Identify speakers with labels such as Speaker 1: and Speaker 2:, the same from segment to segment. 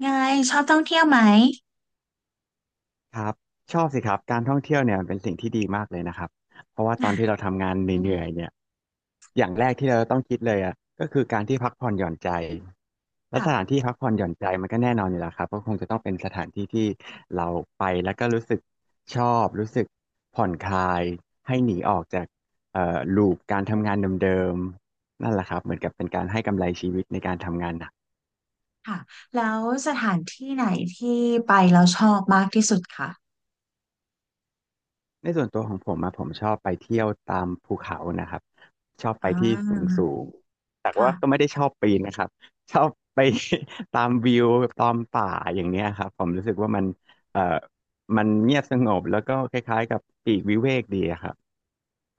Speaker 1: ไงชอบท่องเที่ยวไหม
Speaker 2: ครับชอบสิครับการท่องเที่ยวเนี่ยมันเป็นสิ่งที่ดีมากเลยนะครับเพราะว่าตอนที่
Speaker 1: อ่ะ
Speaker 2: เราทำงานเหนื่อยๆเนี่ยอย่างแรกที่เราต้องคิดเลยอ่ะก็คือการที่พักผ่อนหย่อนใจและสถาน
Speaker 1: ค่ะ
Speaker 2: ที่พักผ่อนหย่อนใจมันก็แน่นอนอยู่แล้วครับก็คงจะต้องเป็นสถานที่ที่เราไปแล้วก็รู้สึกชอบรู้สึกผ่อนคลายให้หนีออกจากลูปการทำงานเดิมๆนั่นแหละครับเหมือนกับเป็นการให้กำไรชีวิตในการทำงานหนัก
Speaker 1: ค่ะ แล้วสถานที่ไหนที่ไปแล้วชอบมากที่สุดคะ
Speaker 2: ในส่วนตัวของผมอะผมชอบไปเที่ยวตามภูเขานะครับชอบไป
Speaker 1: อ่
Speaker 2: ที่สูง
Speaker 1: า
Speaker 2: สูงแต่ว่าก็
Speaker 1: ค่ะ
Speaker 2: ไม่ได้ชอบปีนนะครับ ชอบไป ตามวิวตามป่าอย่างเนี้ยครับผมรู้สึกว่ามันเอ่อมันเงียบสงบแล้วก็คล้ายๆกับปลีกวิเวกดีอะครับ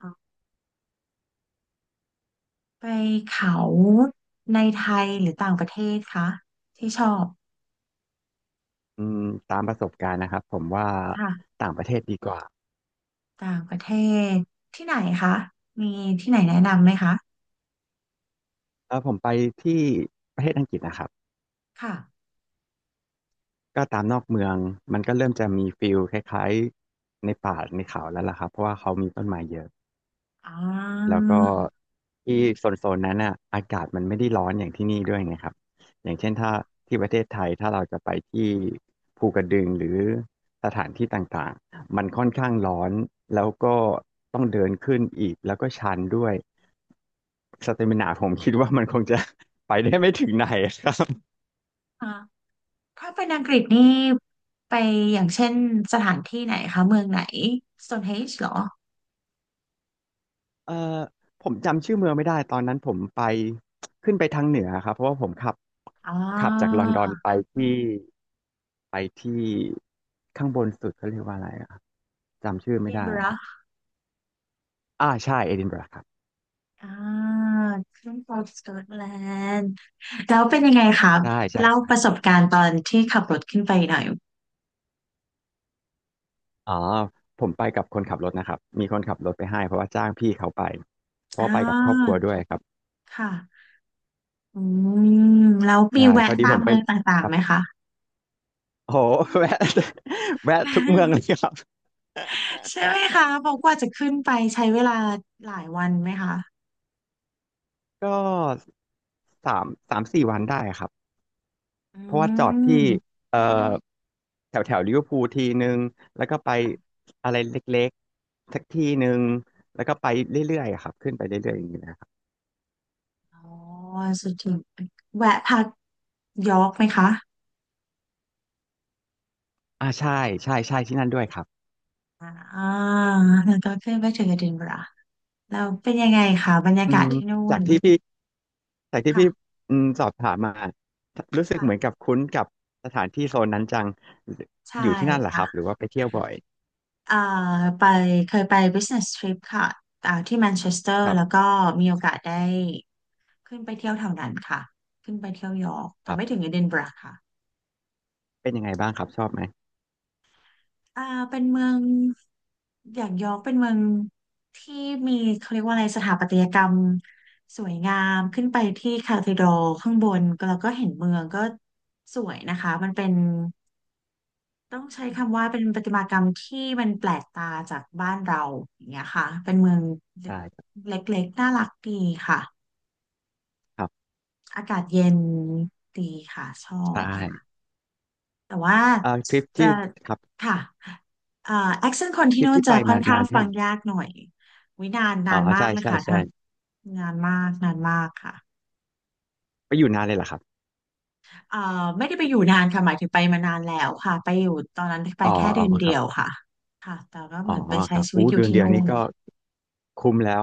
Speaker 1: ออไปเขาในไทยหรือต่างประเทศคะที่ชอบ
Speaker 2: อืมตามประสบการณ์นะครับผมว่า
Speaker 1: ค่ะ
Speaker 2: ต่างประเทศดีกว่า
Speaker 1: ต่างประเทศที่ไหนคะ มีที่ไหนแนะนำไหมคะ
Speaker 2: เออผมไปที่ประเทศอังกฤษนะครับ
Speaker 1: ค่ะ
Speaker 2: ก็ตามนอกเมืองมันก็เริ่มจะมีฟิลคล้ายๆในป่าในเขาแล้วล่ะครับเพราะว่าเขามีต้นไม้เยอะ
Speaker 1: อ่า
Speaker 2: แล้วก็ที่โซนนั้นอ่ะอากาศมันไม่ได้ร้อนอย่างที่นี่ด้วยไงครับอย่างเช่นถ้าที่ประเทศไทยถ้าเราจะไปที่ภูกระดึงหรือสถานที่ต่างๆมันค่อนข้างร้อนแล้วก็ต้องเดินขึ้นอีกแล้วก็ชันด้วยสเตมินาผมคิดว่ามันคงจะ ไปได้ไม่ถึงไหนครับ
Speaker 1: อ่าถ้าเป็นอังกฤษนี่ไปอย่างเช่นสถานที่ไหนคะเมืองไหน Stonehenge เหรอ
Speaker 2: เอ่อผมจำชื่อเมืองไม่ได้ตอนนั้นผมไปขึ้นไปทางเหนือครับเพราะว่าผมขับ
Speaker 1: อ่า
Speaker 2: ขับจากลอนดอนไปที่ ไปที่ข้างบนสุดเขาเรียกว่าอะไรอะจำชื่อ
Speaker 1: d
Speaker 2: ไม่
Speaker 1: i n
Speaker 2: ได้
Speaker 1: b u
Speaker 2: อะ
Speaker 1: r
Speaker 2: ค
Speaker 1: g
Speaker 2: รับ
Speaker 1: h
Speaker 2: อ่าใช่เอดินบะระครับ
Speaker 1: อ่าขึ้นของสกอตแลนด์แล้วเป็นยังไงคะ
Speaker 2: ใช่ใช่
Speaker 1: เล่า
Speaker 2: ใช่
Speaker 1: ประส
Speaker 2: ใช่
Speaker 1: บการณ์ตอนที่ขับรถขึ้นไปหน่อย
Speaker 2: อ๋อผมไปกับคนขับรถนะครับมีคนขับรถไปให้เพราะว่าจ้างพี่เขาไปเพราะ
Speaker 1: อ่
Speaker 2: ว่าไปกับครอบครั
Speaker 1: า
Speaker 2: วด้วยครับ
Speaker 1: ค่ะอืมแล้ว
Speaker 2: ได
Speaker 1: มี
Speaker 2: ใช่พ
Speaker 1: แวะ
Speaker 2: อดี
Speaker 1: ตา
Speaker 2: ผ
Speaker 1: ม
Speaker 2: มไป
Speaker 1: เมืองต่าง
Speaker 2: ค
Speaker 1: ๆ
Speaker 2: รับ
Speaker 1: ไหมคะ
Speaker 2: โอ้โหแวะแวะทุกเมืองเล ยครับ
Speaker 1: ใช่ไหมคะเพราะกว่าจะขึ้นไปใช้เวลาหลายวันไหมคะ
Speaker 2: ก็สามสี่วันได้ครับ
Speaker 1: อื
Speaker 2: เพราะว่าจอดที่
Speaker 1: ม
Speaker 2: เอ่อแถวแถวลิเวอร์พูลทีนึงแล้วก็ไป
Speaker 1: ค่ะ
Speaker 2: อะไรเล็กๆสักทีนึงแล้วก็ไป
Speaker 1: ค่ะ
Speaker 2: เรื่อยๆอะครับขึ้นไปเรื่อยๆอย่างนี้นะครับ
Speaker 1: อ๋อสุดที่แวะพักยอร์กไหมคะ
Speaker 2: อ่าใช่ใช่ใช่ที่นั่นด้วยครับ
Speaker 1: อ่าแล้วก็ขึ้นไปถึงเอดินบะระแล้วเป็นยังไงคะบรรยา
Speaker 2: อื
Speaker 1: กาศ
Speaker 2: ม
Speaker 1: ที่นู่
Speaker 2: จาก
Speaker 1: น
Speaker 2: ที่พี่จากที่
Speaker 1: ค่ะ
Speaker 2: พี่อืมสอบถามมารู้สึกเหมือนกั
Speaker 1: ค่ะ
Speaker 2: บคุ้นกับสถานที่โซนนั้นจัง
Speaker 1: ใช่
Speaker 2: อยู่ที่นั่นเหรอครับหรื
Speaker 1: ค่ะ
Speaker 2: อว่าไปเที่ยวบ่อย
Speaker 1: เอ่อไปเคยไป business trip ค่ะอ่าที่แมนเชสเตอ
Speaker 2: ค
Speaker 1: ร์
Speaker 2: รั
Speaker 1: แล้ว
Speaker 2: บ
Speaker 1: ก็มีโอกาสได้ขึ้นไปเที่ยวแถวนั้นค่ะขึ้นไปเที่ยวยอร์ก
Speaker 2: ค
Speaker 1: แต่
Speaker 2: รั
Speaker 1: ไม่
Speaker 2: บ
Speaker 1: ถึงเอดินบะระค่ะ
Speaker 2: เป็นยังไงบ้างครับชอบไหม
Speaker 1: อ่าเป็นเมืองอย่างยอร์กเป็นเมืองที่มีเขาเรียกว่าอะไรสถาปัตยกรรมสวยงามขึ้นไปที่คาทีดรัลข้างบนแล้วก็เห็นเมืองก็สวยนะคะมันเป็น ต้องใช้คำว่าเป็นประติมากรรมที่มันแปลกตาจากบ้านเราอย่างเงี้ยค่ะเป็นเมือง
Speaker 2: ใช่
Speaker 1: เล็กๆน่ารักดีค่ะ
Speaker 2: ครับ
Speaker 1: อากาศเย็นดีค่ะชอ
Speaker 2: ใช่
Speaker 1: บค่ะแต่ว่า
Speaker 2: เอ่อทริป
Speaker 1: จะ
Speaker 2: ที่ครับ
Speaker 1: ค่ะเอ่อแอคเซนต์คนที่
Speaker 2: ทริป
Speaker 1: นู่น
Speaker 2: ที่
Speaker 1: จะ
Speaker 2: ไป
Speaker 1: ค่อ
Speaker 2: มา
Speaker 1: นข้า
Speaker 2: นา
Speaker 1: ง
Speaker 2: นแค่
Speaker 1: ฟัง
Speaker 2: ไหน
Speaker 1: ยากหน่อย วินานนา
Speaker 2: อ๋อ
Speaker 1: นมา
Speaker 2: ใช่
Speaker 1: กเลย
Speaker 2: ใช่
Speaker 1: ค่ะ
Speaker 2: ใช่
Speaker 1: ถ้านานมากนานมากค่ะ
Speaker 2: ไปอยู่นานเลยเหรอครับ
Speaker 1: เอ่อไม่ได้ไปอยู่นานค่ะหมายถึงไปมานานแล้วค่ะไปอยู่ตอนนั้นไป
Speaker 2: อ๋อ
Speaker 1: แค่เดื
Speaker 2: อือ๋อ
Speaker 1: อน
Speaker 2: มค
Speaker 1: เดี
Speaker 2: รั
Speaker 1: ยว
Speaker 2: บ
Speaker 1: ค่ะค่ะแต่ก็
Speaker 2: อ๋
Speaker 1: เห
Speaker 2: อ
Speaker 1: มือนไป
Speaker 2: ค
Speaker 1: ใช้
Speaker 2: รับ
Speaker 1: ชีวิ
Speaker 2: อู้
Speaker 1: ตอยู่
Speaker 2: เดือน
Speaker 1: ที่
Speaker 2: เดียว
Speaker 1: นู่
Speaker 2: อืนี้
Speaker 1: น
Speaker 2: ก็มคุ้มแล้ว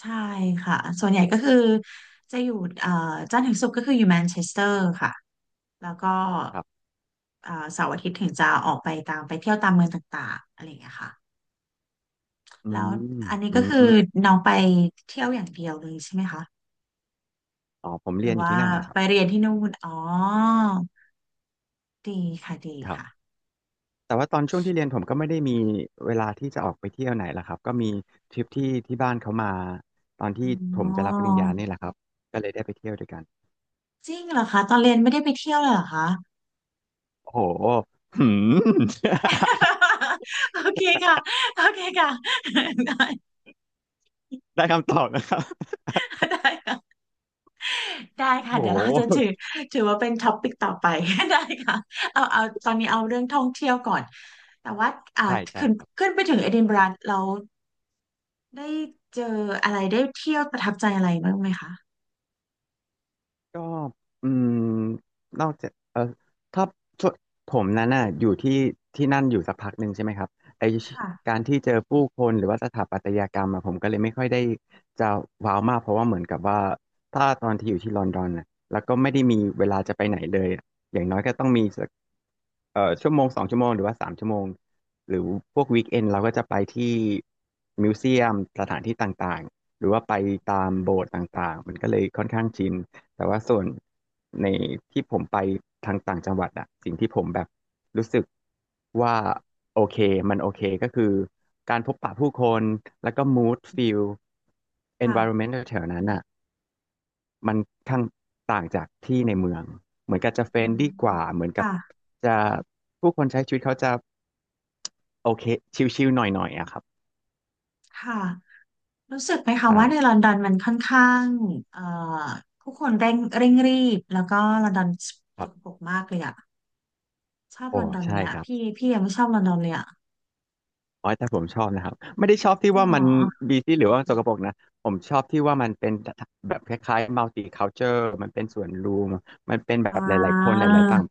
Speaker 1: ใช่ค่ะส่วนใหญ่ก็คือจะอยู่เอ่อจันทร์ถึงศุกร์ก็คืออยู่แมนเชสเตอร์ค่ะแล้วก็
Speaker 2: ครับ
Speaker 1: เสาร์อาทิตย์ถึงจะออกไปตามไปเที่ยวตามเมืองต่างๆอะไรอย่างเงี้ยค่ะ
Speaker 2: อื
Speaker 1: แล้ว
Speaker 2: ม
Speaker 1: อันนี้
Speaker 2: อื
Speaker 1: ก็คือ
Speaker 2: ม
Speaker 1: น้องไปเที่ยวอย่างเดียวเลยใช่ไหมคะ
Speaker 2: อ๋อผม
Speaker 1: ห
Speaker 2: เรี
Speaker 1: รื
Speaker 2: ยน
Speaker 1: อ
Speaker 2: อยู่
Speaker 1: ว่า
Speaker 2: ที่นั่นนะครั
Speaker 1: ไป
Speaker 2: บ
Speaker 1: เรียนที่นู่นอ๋อดีค่ะดี
Speaker 2: ครั
Speaker 1: ค่ะ
Speaker 2: บแต่ว่าตอนช่วงที่เรียนผมก็ไม่ได้มีเวลาที่จะออกไปเที่ยวไหนละครับก็มีทริปที่ที่บ้านเขามาตอนที่ผม
Speaker 1: อ๋
Speaker 2: จะรับ
Speaker 1: อ
Speaker 2: ปริญญาเนี่ยแหละครับก็เลยได้ไปเที่ยวด้วยกัน
Speaker 1: จริงเหรอคะตอนเรียนไม่ได้ไปเที่ยวเลยเหรอคะ
Speaker 2: โอ้โหหืม
Speaker 1: โอเคค่ะโอเคค่ะ ได้
Speaker 2: ได้คำตอบนะครับ
Speaker 1: ได้ ได้
Speaker 2: โอ้
Speaker 1: ค่ะ
Speaker 2: โ
Speaker 1: เดี๋ยวเราจะถื
Speaker 2: ห
Speaker 1: อว่าเป็นท็อปิกต่อไป ได้ค่ะเอาตอนนี้เอาเรื่องท่องเที่ยวก่อนแต่ว่าอ่า
Speaker 2: ใช่ใช่
Speaker 1: ขึ้น
Speaker 2: ครับ
Speaker 1: ขึ้นไปถึงเอดินบะระเราได้เจออะไรได้เที่ยวประทับใจอะไรบ้างไหมคะ
Speaker 2: ก็อืมนอกจากเออถ้าช่วงผมนั้นน่ะอยู่ที่ที่นั่นอยู่สักพักหนึ่งใช่ไหมครับไอ
Speaker 1: ค่ะ
Speaker 2: การที่เจอผู้คนหรือว่าสถาปัตยกรรมอะผมก็เลยไม่ค่อยได้จะว้าวมากเพราะว่าเหมือนกับว่าถ้าตอนที่อยู่ที่ลอนดอนน่ะแล้วก็ไม่ได้มีเวลาจะไปไหนเลยอย่างน้อยก็ต้องมี ชั่วโมงสองชั่วโมงหรือว่าสามชั่วโมงหรือพวกวีคเอนเราก็จะไปที่มิวเซียมสถานที่ต่างๆหรือว่าไปตามโบสถ์ต่างๆมันก็เลยค่อนข้างชินแต่ว่าส่วนในที่ผมไปทางต่างจังหวัดอะสิ่งที่ผมแบบรู้สึกว่าโอเคมันโอเคก็คือการพบปะผู้คนแล้วก็ mood feel
Speaker 1: ค่ะ
Speaker 2: environment แถวๆนั้นอะ มันทั้างต่างจากที่ในเมืองเหมือนกับจะเฟร
Speaker 1: อื
Speaker 2: นดี้ก
Speaker 1: ม
Speaker 2: ว่าเหมือนกับ
Speaker 1: ค่ะ
Speaker 2: จะผู้คนใช้ชีวิตเขาจะโอเคชิลๆหน่อยๆอะครับ
Speaker 1: ค่ะรู้สึกไหมคะ
Speaker 2: ใช่
Speaker 1: ว่าในลอนดอนมันค่อนข้างเอ่อผู้คนเร่งรีบแล้วก็ลอนดอน
Speaker 2: ค
Speaker 1: ส
Speaker 2: รั
Speaker 1: กป
Speaker 2: บ
Speaker 1: รกมากเลยอะชอบล
Speaker 2: โอ้
Speaker 1: อนดอนไหม
Speaker 2: ใช่
Speaker 1: อะ
Speaker 2: ครับ
Speaker 1: พี่พี่ยังไม่ชอบลอนดอนเลยอะ
Speaker 2: โอยแต่ผมชอบนะครับไม่ได้ชอบที่
Speaker 1: จริง
Speaker 2: ว่า
Speaker 1: เหร
Speaker 2: มั
Speaker 1: อ
Speaker 2: นบีซี่หรือว่าสกปรกนะผมชอบที่ว่ามันเป็นแบบคล้ายๆมัลติคัลเจอร์มันเป็นส่วนรวมมันเป็นแบ
Speaker 1: อ่
Speaker 2: บหลายๆคนห
Speaker 1: า
Speaker 2: ลายๆต่าง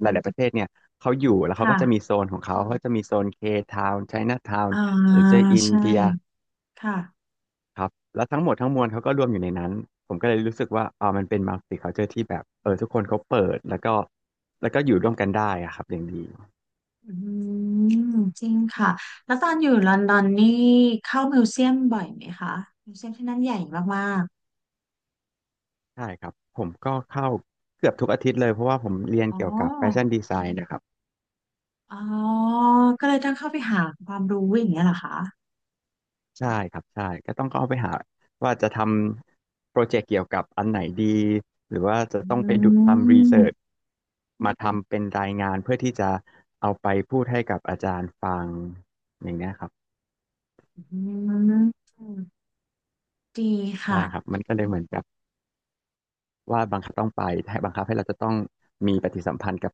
Speaker 2: หลายๆประเทศเนี่ยเขาอยู่แล้วเขาก็
Speaker 1: ค่ะ
Speaker 2: จะมีโซนของเขาเขาจะมีโซนเคทาวน์ไชน่าทาว
Speaker 1: อ่า
Speaker 2: น์หรือจะอิน
Speaker 1: ใช่
Speaker 2: เดีย
Speaker 1: ค่ะ
Speaker 2: ครับแล้วทั้งหมดทั้งมวลเขาก็รวมอยู่ในนั้นผมก็เลยรู้สึกว่าอ่ามันเป็น multicultural ที่แบบทุกคนเขาเปิดแล้วก็แล้วก็อยู่ร่วมกันได้อะครับอย่างดี
Speaker 1: อืมจริงค่ะแล้วตอนอยู่ลอนดอนนี่เข้ามิวเซียมบ่อยไหมคะมิวเซียมที่นั่นใหญ่มาก
Speaker 2: ใช่ครับผมก็เข้าเกือบทุกอาทิตย์เลยเพราะว่าผมเรียน
Speaker 1: ๆอ๋อ
Speaker 2: เกี่ยวกับแฟชั่นดีไซน์นะครับ
Speaker 1: อ๋อก็เลยต้องเข้าไปหาความรู้อย่างเงี้ยเหรอคะ
Speaker 2: ใช่ครับใช่ก็ต้องเข้าไปหาว่าจะทำโปรเจกต์เกี่ยวกับอันไหนดีหรือว่าจะ
Speaker 1: อื
Speaker 2: ต้องไปดูทำรีเสิร์ช
Speaker 1: ม
Speaker 2: มาทำเป็นรายงานเพื่อที่จะเอาไปพูดให้กับอาจารย์ฟังอย่างเงี้ยครับ
Speaker 1: อืมดี
Speaker 2: ใช่
Speaker 1: ค่ะ
Speaker 2: ครับมันก็เลยเหมือนกับ ว่าบังคับต้องไปให้บังคับให้เราจะต้องมีปฏิสัมพันธ์กับ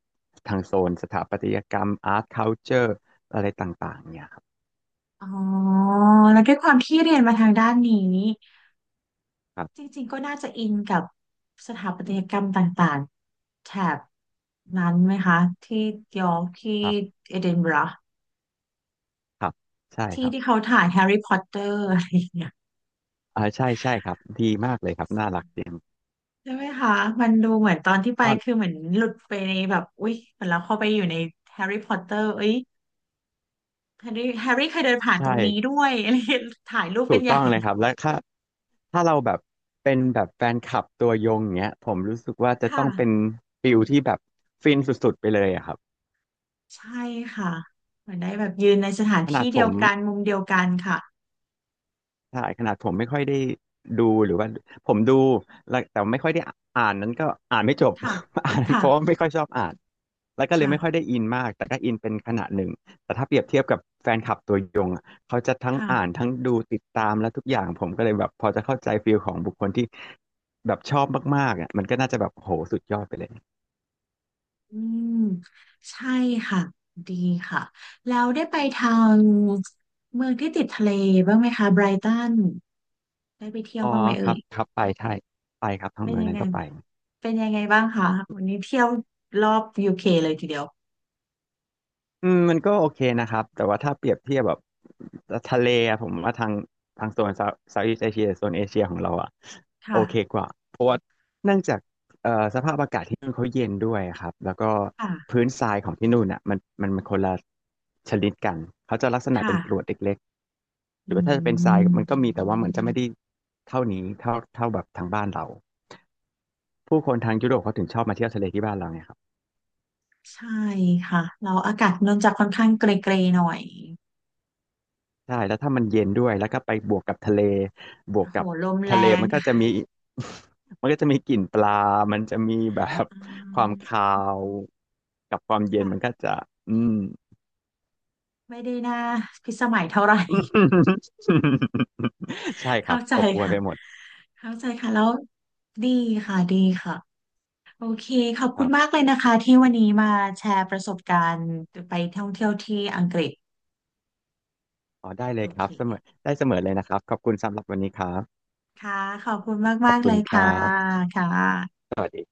Speaker 2: ทางโซนสถาปัตยกรรมอาร์ตคัลเจอร์อะไรต่างๆเนี่ยครับ
Speaker 1: อ๋อแล้วด้วยความที่เรียนมาทางด้านนี้
Speaker 2: ครั
Speaker 1: จ
Speaker 2: บ
Speaker 1: ริงๆก็น่าจะอินกับสถาปัตยกรรมต่างๆ แถบนั้นไหมคะที่ยอร์กที่
Speaker 2: ครับ
Speaker 1: เอดินบะระ
Speaker 2: ครับใช่ค
Speaker 1: ที่
Speaker 2: รับ
Speaker 1: ที่เขาถ่ายแฮร์รี่พอตเตอร์อะไรอย่างเงี้ย
Speaker 2: อ่าใช่ใช่ครับดีมากเลยครับน่ารักจริง
Speaker 1: ใช่ไหมคะมันดูเหมือนตอนที่ไป
Speaker 2: ต้อน
Speaker 1: คือเหมือนหลุดไปในแบบอุ๊ยเหมือนเราเข้าไปอยู่ในแฮร์รี่พอตเตอร์เอ้ยแฮร์รี่เคยเดินผ่านต
Speaker 2: ใช่
Speaker 1: รงนี้ด้วย อะไรอย่างเงี้ยถ่ายรูป
Speaker 2: ถู
Speaker 1: กัน
Speaker 2: ก
Speaker 1: ให
Speaker 2: ต้อ
Speaker 1: ญ่
Speaker 2: งเลยครับและถ้าเราแบบเป็นแบบแฟนคลับตัวยงเงี้ยผมรู้สึกว่าจะ
Speaker 1: ค่ะ
Speaker 2: ต้องเป็นฟิลที่แบบฟินสุดๆไปเลยอะครับ
Speaker 1: ใช่ค่ะเหมือนได้แบบยืนในสถาน
Speaker 2: ขนา
Speaker 1: ที่
Speaker 2: ดผ
Speaker 1: เดียว
Speaker 2: ม
Speaker 1: กันมุมเดียวกันค่ะ
Speaker 2: ใช่ขนาดผมไม่ค่อยได้ดูหรือว่าผมดูแล้วแต่ไม่ค่อยได้อ่านนั้นก็อ่านไม่จบ
Speaker 1: ค่ะ
Speaker 2: อ่านเพ
Speaker 1: ค่ะ
Speaker 2: ราะว่าไม่ค่อยชอบอ่านแล้วก็เลย
Speaker 1: ค่ะ
Speaker 2: ไม่ค่อยได้อินมากแต่ก็อินเป็นขนาดหนึ่งแต่ถ้าเปรียบเทียบกับแฟนคลับตัวยงอะเขาจะทั้ง
Speaker 1: ค่ะ
Speaker 2: อ่านทั้งดูติดตามและทุกอย่างผมก็เลยแบบพอจะเข้าใจฟีลของบุคคลที่แบบชอบมากๆอ่ะมันก็น่าจะแบบโหสุดยอดไปเลย
Speaker 1: อืมใช่ค่ะดีค่ะแล้วได้ไปทางเมืองที่ติดทะเลบ้างไหมคะไบรตันได้ไปเที่ยว
Speaker 2: อ๋อ
Speaker 1: บ้างไหม
Speaker 2: ค
Speaker 1: เอ่
Speaker 2: รั
Speaker 1: ย
Speaker 2: บครับไปใช่ไปครับทั้ง
Speaker 1: เป็น
Speaker 2: เมือง
Speaker 1: ยัง
Speaker 2: นั้
Speaker 1: ไง
Speaker 2: นก็ไป
Speaker 1: เป็นยังไงบ้างคะวันนี้เที่ยวรอบUKเลยทีเดียว
Speaker 2: อืมมันก็โอเคนะครับแต่ว่าถ้าเปรียบเทียบแบบทะเลอะผมว่าทางโซนเซาท์อีสเอเชียโซนเอเชียของเราอะโอเค
Speaker 1: ค่ะ
Speaker 2: กว่าเพราะว่าเนื่องจากสภาพอากาศที่นู่นเขาเย็นด้วยครับแล้วก็
Speaker 1: ค่ะ
Speaker 2: พื้นทรายของที่นู่นอะมันคนละชนิดกันเขาจะลักษณะเป็นกรว
Speaker 1: ค่ะ
Speaker 2: ดเล็กๆหรือ
Speaker 1: อื
Speaker 2: ว่าถ้าจะเป็นทรายมันก็
Speaker 1: ม
Speaker 2: มีแต่ว่าเหมือนจะไม่ได้เท่านี้เท่าแบบทางบ้านเราผู้คนทางยุโรปเขาถึงชอบมาเที่ยวทะเลที่บ้านเราไงครับ
Speaker 1: ใช่ค่ะเราอากาศนนท์จะค่อนข้างเกรย์ๆหน่อย
Speaker 2: ใช่แล้วถ้ามันเย็นด้วยแล้วก็ไปบวกกับทะเลบวก
Speaker 1: โอ้โ
Speaker 2: กับ
Speaker 1: หลมแร
Speaker 2: ทะเล
Speaker 1: ง
Speaker 2: มันก็จะมี มันก็จะมีกลิ่นปลามันจะมีแบบ
Speaker 1: อื
Speaker 2: ความคา
Speaker 1: ม
Speaker 2: วกับความเย็น
Speaker 1: ค่ะ
Speaker 2: มันก็จะอืม
Speaker 1: ไม่ได้น่าพิสมัยเท่าไหร่
Speaker 2: ใช่ ครั
Speaker 1: เข้า
Speaker 2: บ
Speaker 1: ใจ
Speaker 2: อบอวล
Speaker 1: ค่ะ
Speaker 2: ไปหมด
Speaker 1: เข้าใจค่ะแล้วดีค่ะดีค่ะโอเคขอบ
Speaker 2: ค
Speaker 1: คุ
Speaker 2: รั
Speaker 1: ณ
Speaker 2: บ
Speaker 1: มากเลยนะคะที่วันนี้มาแชร์ประสบการณ์ไปท่องเที่ยวที่อังกฤษ
Speaker 2: อ๋อได้เล
Speaker 1: โอ
Speaker 2: ยครั
Speaker 1: เค
Speaker 2: บเสมอได้เสมอเลยนะครับขอบคุณสำหรับวันนี้ครับ
Speaker 1: ค่ะขอบคุณ
Speaker 2: ขอ
Speaker 1: มา
Speaker 2: บ
Speaker 1: กๆเล
Speaker 2: คุณ
Speaker 1: ย
Speaker 2: ค
Speaker 1: ค่ะ
Speaker 2: รับ
Speaker 1: ค่ะ
Speaker 2: สวัสดี